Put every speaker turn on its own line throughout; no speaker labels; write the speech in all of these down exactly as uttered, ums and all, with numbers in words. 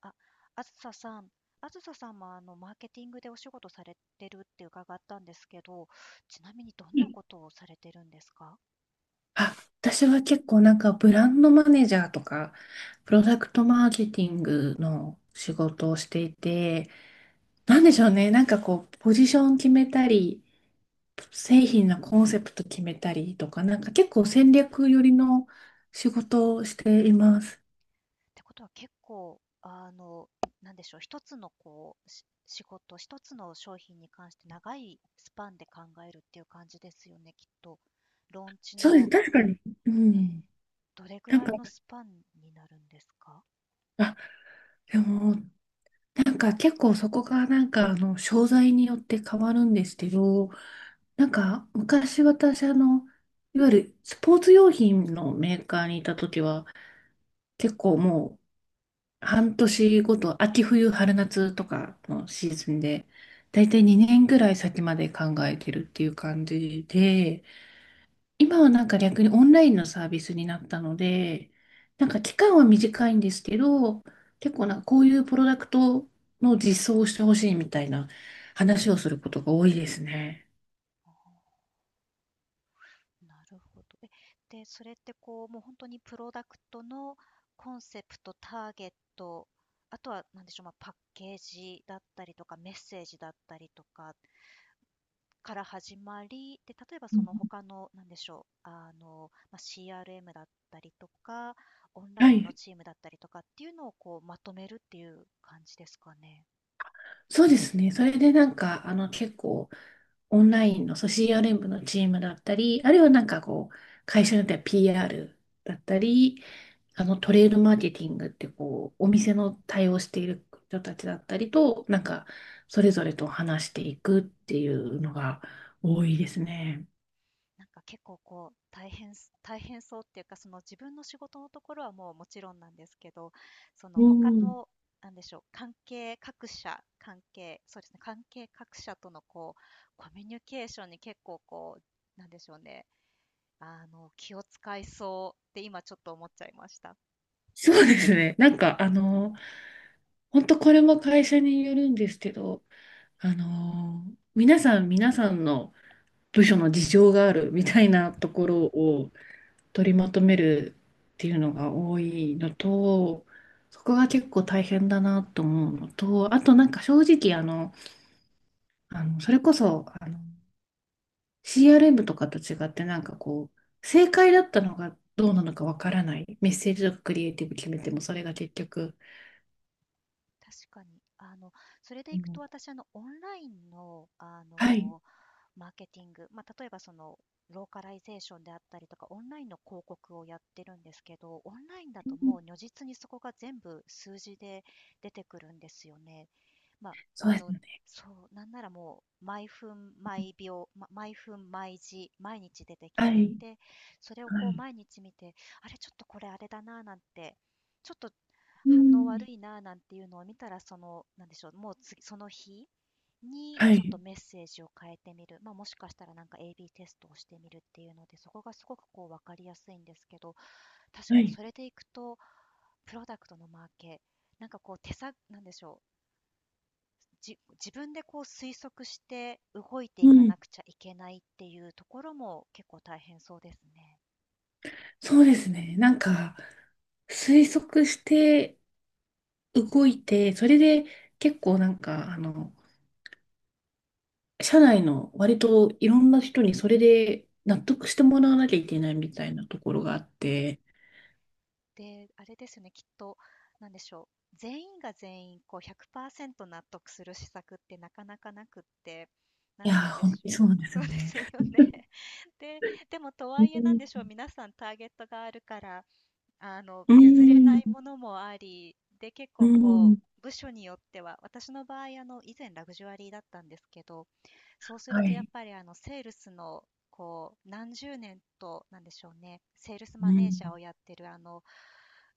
あ、あずささん、あずささんもあのマーケティングでお仕事されてるって伺ったんですけど、ちなみにどんなことをされてるんですか？
あ、私は結構なんかブランドマネージャーとか、プロダクトマーケティングの仕事をしていて、なんでしょうね、なんかこう、ポジション決めたり、製品のコンセプト決めたりとか、なんか結構戦略寄りの仕事をしています。
てことは結構、あの、なんでしょう、一つのこう、し仕事、一つの商品に関して長いスパンで考えるっていう感じですよね、きっと。ローンチ
そうです、
の、
確かに。うん。
ね、どれぐ
なん
ら
か、
いのスパンになるんですか？
あ、でも、なんか結構そこがなんかあの、商材によって変わるんですけど、なんか、昔私、あの、いわゆるスポーツ用品のメーカーにいた時は、結構もう半年ごと、秋冬、春夏とかのシーズンで、だいたいにねんぐらい先まで考えてるっていう感じで、今はなんか逆にオンラインのサービスになったので、なんか期間は短いんですけど、結構なんかこういうプロダクトの実装をしてほしいみたいな話をすることが多いですね。
あーなるほど。え、で、それってこう、もう本当にプロダクトのコンセプト、ターゲット、あとは、なんでしょう、まあ、パッケージだったりとか、メッセージだったりとか、から始まり、で、例えば
う
その
ん
他の、なんでしょう、あの、まあ、シーアールエム だったりとか、オンラ
は
インの
い。
チームだったりとかっていうのをこうまとめるっていう感じですかね。
そうですね。それでなんか、あの、結構、オンラインの組織連部のチームだったり、あるいはなんかこう、会社によっては ピーアール だったり、あの、トレードマーケティングってこう、お店の対応している人たちだったりと、なんか、それぞれと話していくっていうのが多いですね。
なんか結構こう、大変す大変そうっていうか、その自分の仕事のところはもうもちろんなんですけど、その
う
他の、
ん。
なんでしょう、関係各社、関係そうですね、関係各社とのこう、コミュニケーションに結構こう、なんでしょうね、あの、気を使いそうって今ちょっと思っちゃいました。
そうですね。なんか、あの、本当これも会社によるんですけど、あの、皆さん、皆さんの、部署の事情があるみたいなところを取りまとめるっていうのが多いのと、そこが結構大変だなと思うのと、あとなんか正直あの、あのそれこそあの シーアールエム とかと違ってなんかこう、正解だったのがどうなのかわからない。メッセージとかクリエイティブ決めてもそれが結局。
確かに。あの、それで
う
いくと
ん
私、あの、オンラインの、あ
はい、
の、マーケティング、まあ、例えばそのローカライゼーションであったりとか、オンラインの広告をやってるんですけど、オンラインだ
う
とも
ん
う如実にそこが全部数字で出てくるんですよね。まあ、
そう
あ
です
の、
よね。
そう、なんならもう、毎分、毎秒、ま毎分、毎時、毎日出てき
は
て、
い、
で、それを
は
こう
い、
毎日見て、あれ、ちょっとこれあれだな、なんて、ちょっと
う
反応悪
ん、
いなあなんていうのを見たら、その、なんでしょう、もう次その日に
は
ちょっ
い、
とメッセージを変えてみる、まあ、もしかしたらなんか エービー テストをしてみるっていうので、そこがすごくこう分かりやすいんですけど、確か
は
に
い、
それでいくと、プロダクトのマーケ、なんかこう手さ、なんでしょう、じ自分でこう推測して動いてい
う
か
ん、
なくちゃいけないっていうところも結構大変そうですね。
そうですね。なんか、推測して動いて、それで結構なんか、あの、社内の割といろんな人にそれで納得してもらわなきゃいけないみたいなところがあって、
で、あれですよね、きっと、なんでしょう、全員が全員こうひゃくパーセント納得する施策ってなかなかなくって、な
い
ん
や
て言う
ー、
んで
本当
しょう。
にそうなんで す
そう
よ
で
ね。
すよね。で、でもと
う
はいえなんでしょ
ん、
う、皆さんターゲットがあるから、あの、
う
譲れない
ん、
ものもあり、で、結
う
構こ
ん
う、部署によっては、私の場合、あの、以前ラグジュアリーだったんですけど、そうする
は
とやっ
い。
ぱりあの、セールスの、こう、何十年と、なんでしょうね、セールス
う
マネー
ん、
ジャーをやってるあの、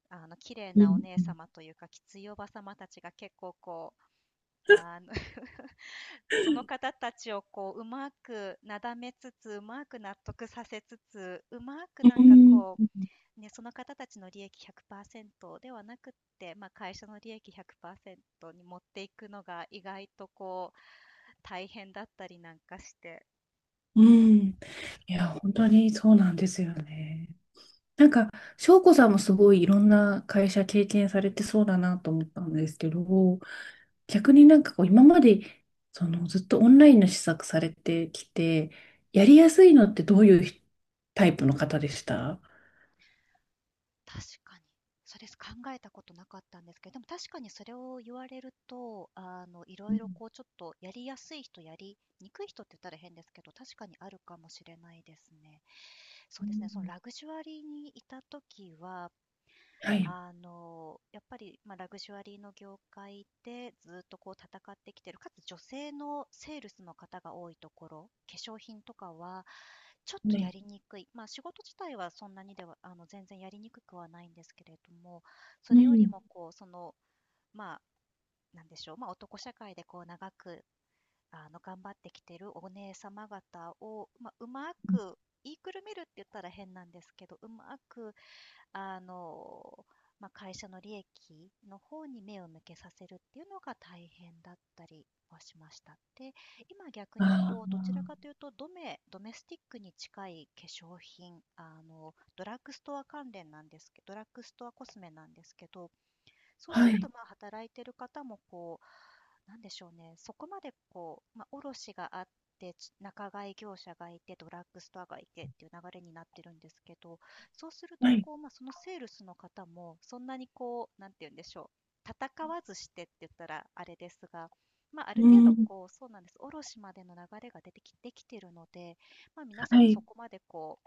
あの、綺麗
う
なお
ん、
姉様というか、きついおば様たちが結構こう、あの その方たちをこう、うまくなだめつつ、うまく納得させつつ、うまくな
う
んか
ん、
こう、ね、その方たちの利益ひゃくパーセントではなくって、まあ、会社の利益ひゃくパーセントに持っていくのが意外とこう大変だったりなんかして。
うん。いや、本当にそうなんですよね。なんか、翔子さんもすごいいろんな会社経験されてそうだなと思ったんですけど、逆になんかこう今までそのずっとオンラインの施策されてきて、やりやすいのってどういうひタイプの方でした？
確かに。それ考えたことなかったんですけど、でも確かにそれを言われると、あの、いろ
う
い
ん
ろこうちょっとやりやすい人、やりにくい人って言ったら変ですけど、確かにあるかもしれないですね。そう
う
ですね、その
ん
ラグジュアリーにいた時は、
はい。
あの、やっぱり、まあ、ラグジュアリーの業界でずっとこう戦ってきてる、かつ女性のセールスの方が多いところ、化粧品とかはちょっ
は
とや
い。
りにくい、ま、あ仕事自体はそんなにではあの、全然やりにくくはないんですけれども、そ
う
れより
ん。
もこう、その、ま、あなんでしょう、ま、あ男社会でこう長く、あの、頑張ってきてるお姉様方を、まあ、うまく言いくるめるって言ったら変なんですけど、うまくあの、まあ、会社の利益の方に目を向けさせるっていうのが大変だったりはしました。で、今逆にこう、どちらかと
あ
いうと、ドメ、ドメスティックに近い化粧品、あの、ドラッグストア関連なんですけど、ドラッグストアコスメなんですけど、そ
あ、
うす
は
ると、
い。
まあ、働いてる方もこう、なんでしょうね、そこまでこう、まあ、卸があって、ち仲買業者がいて、ドラッグストアがいてっていう流れになってるんですけど、そうする
は
と、
い。
こう、まあ、そのセールスの方も、そんなにこう、なんて言うんでしょう、戦わずしてって言ったらあれですが、まあ、ある
う
程度
ん。
こう、そうなんです、卸までの流れが出てき、できてるので、まあ、皆さ
は
んそ
い。
こまでこ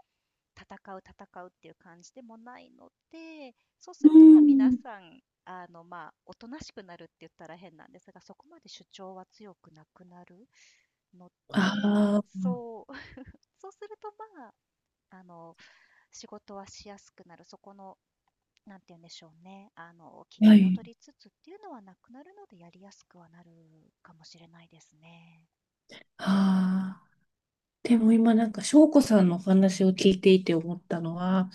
戦う戦うっていう感じでもないので、そうす
う
るとまあ皆
ん。
さん、あのまあおとなしくなるって言ったら変なんですが、そこまで主張は強くなくなるので、
あ
そう そうするとまあ、あの仕事はしやすくなる、そこの、なんて言うんでしょうね、あの機
あ、は
嫌を
い。
取りつつっていうのはなくなるので、やりやすくはなるかもしれないですね。
ああ。でも今なんか、翔子さんのお話を聞いていて思ったのは、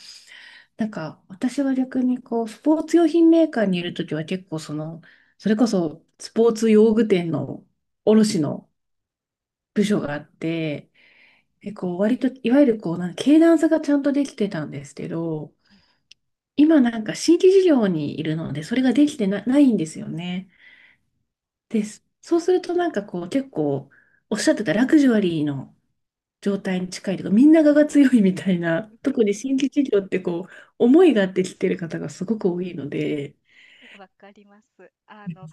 なんか、私は逆にこう、スポーツ用品メーカーにいるときは結構その、それこそスポーツ用具店の卸の部署があって、結構割と、いわゆるこう、なんか、経団差がちゃんとできてたんですけど、
はい、
今なんか新規事業にいるので、それができてな、ないんですよね。で、そうするとなんかこう、結構、おっしゃってたラグジュアリーの状態に近いというか、みんながが強いみたいな、特に新規事業ってこう、思いがあってきてる方がすごく多いので、
わかります。あの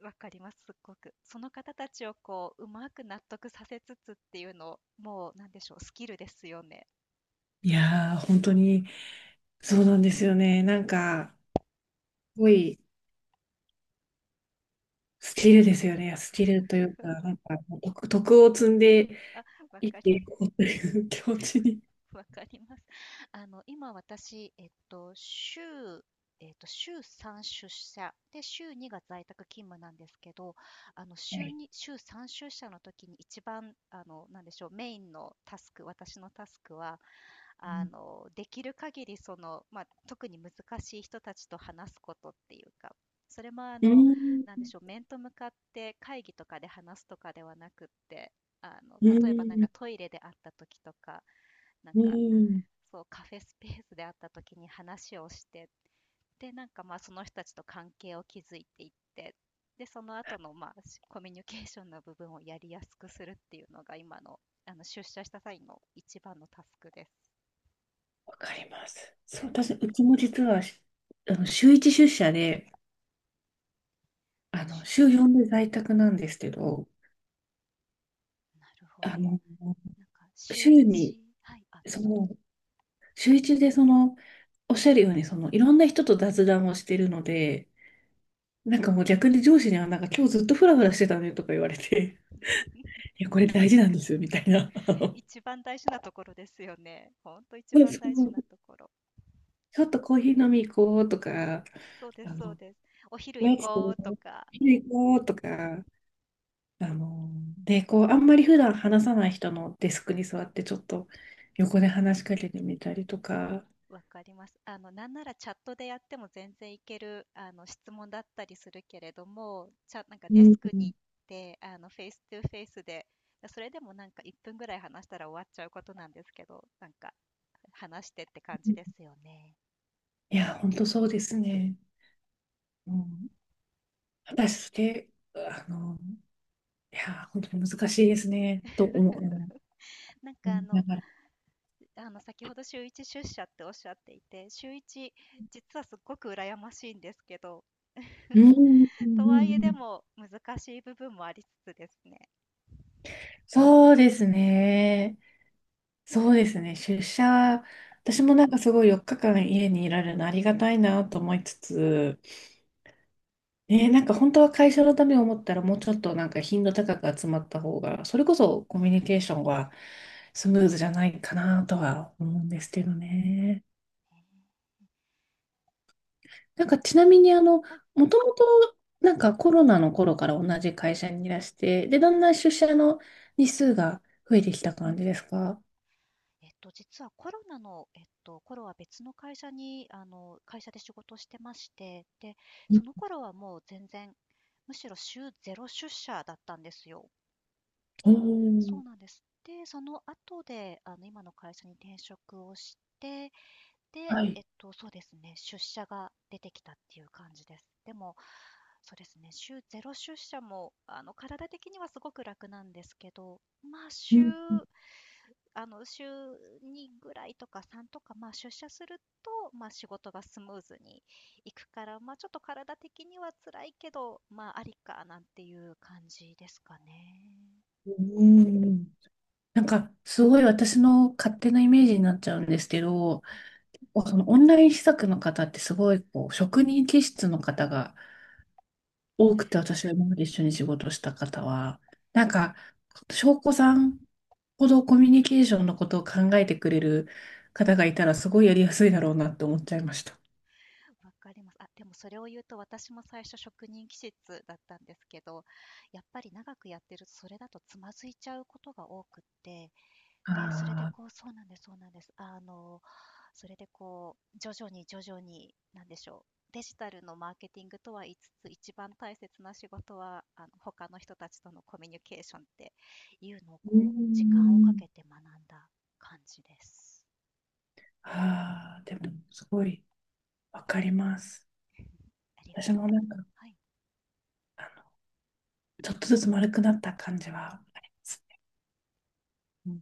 わかります、すっごく。その方たちをこう、うまく納得させつつっていうの、もうなんでしょう、スキルですよね。
いやー、本当に、そうなんですよね。なんか、すごい、スキルですよね。スキルというか、なんか、徳、徳を積んで
あ、わ
生き
か
て
り
いこ うという気持ちに。
わかります。あの、今私、えっと、週、えっと、週さん出社で、週にが在宅勤務なんですけど、あの、
は
週
い。
に、週さん出社の時に一番、あの、なんでしょう、メインのタスク、私のタスクは、あのできる限りその、まあ、特に難しい人たちと話すことっていうか、それもあ
う
の
ん、
なんでしょう、面と向かって会議とかで話すとかではなくって、あの
う
例えばなんか
ん、
トイレで会った時とか、なん
う
か
ん、
そうカフェスペースで会った時に話をして、でなんかまあその人たちと関係を築いていって、でその後のまあしコミュニケーションの部分をやりやすくするっていうのが今のあの出社した際の一番のタスクで
わかります。そう、私、うちも実は、しあの、週いち出社で、あの、
す。
週よんで在宅なんですけど、
なるほ
あ
ど。
の、
なんか週
週に、
一、はい、あ、どう
そ
ぞどう
の、
ぞ。
週いちでその、おっしゃるように、その、いろんな人と雑談をしてるので、なんかもう逆に上司には、なんか今日ずっとフラフラしてたねとか言われて、いや、これ大事なんですよ、みたいな。あ の
一番大事なところですよね。ほんと一
そう
番
そ
大事な
う、
ところ。
ちょっとコーヒー飲み行こうとか、
そうで
あ
すそう
の、
です。お昼
お
行
やつ
こ
食
うとか、
べに行こうとか、あの、で、こう、あんまり普段話さない人のデスクに座って、ちょっと横で話しかけてみたりとか、
わかります。あの、なんならチャットでやっても全然いける、あの、質問だったりするけれども、ちゃなんか
う
デ
ん、
スク
い
に行って、あの、フェイストゥフェイスで、それでもなんかいっぷんぐらい話したら終わっちゃうことなんですけど、なんか話してって感じですよね。
や、本当そうですね。うん、果たして、あの、いや、本当に難しいですね、と思う。う
なんかあ
んな
の
がら。
であの先ほど週いち出社っておっしゃっていて、週いち、実はすっごく羨ましいんですけど、
うん、う んう
と
んう
はいえで
ん
も難しい部分もありつつですね。
そうですね。そうですね。出社、私もなんかすごいよっかかん家にいられるのありがたいなと思いつつ、ね、なんか本当は会社のためを思ったらもうちょっとなんか頻度高く集まった方が、それこそコミュニケーションはスムーズじゃないかなとは思うんですけどね。なんかちなみにあの、
はい。
もともとなんかコロナの頃から同じ会社にいらして、で、だんだん出社の日数が増えてきた感じですか？
えっと、実はコロナの、えっと、頃は別の会社に、あの、会社で仕事をしてまして、で、その頃はもう全然、むしろ週ゼロ出社だったんですよ。
お
そうなん
ー
です。で、その後で、あの、今の会社に転職をして、で、
はい。
えっと、そうですね、出社が出てきたっていう感じです。でも、そうですね、週ゼロ出社も、あの、体的にはすごく楽なんですけど、まあ、
う
週
ん
あの、週にぐらいとかさんとか、まあ、出社すると、まあ、仕事がスムーズにいくから、まあ、ちょっと体的には辛いけど、まあ、ありかなんていう感じですかね。
うんうんなんか、すごい私の勝手なイメージになっちゃうんですけど、
はい。
そのオンライン施策の方ってすごいこう職人気質の方が多くて、私が今まで一緒に仕事した方は、なんか、翔子さんほどコミュニケーションのことを考えてくれる方がいたら、すごいやりやすいだろうなって思っちゃいました。
わかります。あ、でもそれを言うと私も最初職人気質だったんですけど、やっぱり長くやってるとそれだとつまずいちゃうことが多くって、で、それで
ああ、
こう、そうなんですそうなんです。あの、それでこう、徐々に徐々に、なんでしょう、デジタルのマーケティングとは言いつつ、一番大切な仕事は、あの、他の人たちとのコミュニケーションっていうのを
う
こう、時間をか
ん。
けて学んだ感じです。
ああ、でも、すごいわかります。
ありが
私
とう
も
ございま
な
す。
んか、
はい。
ちょっとずつ丸くなった感じはありますね。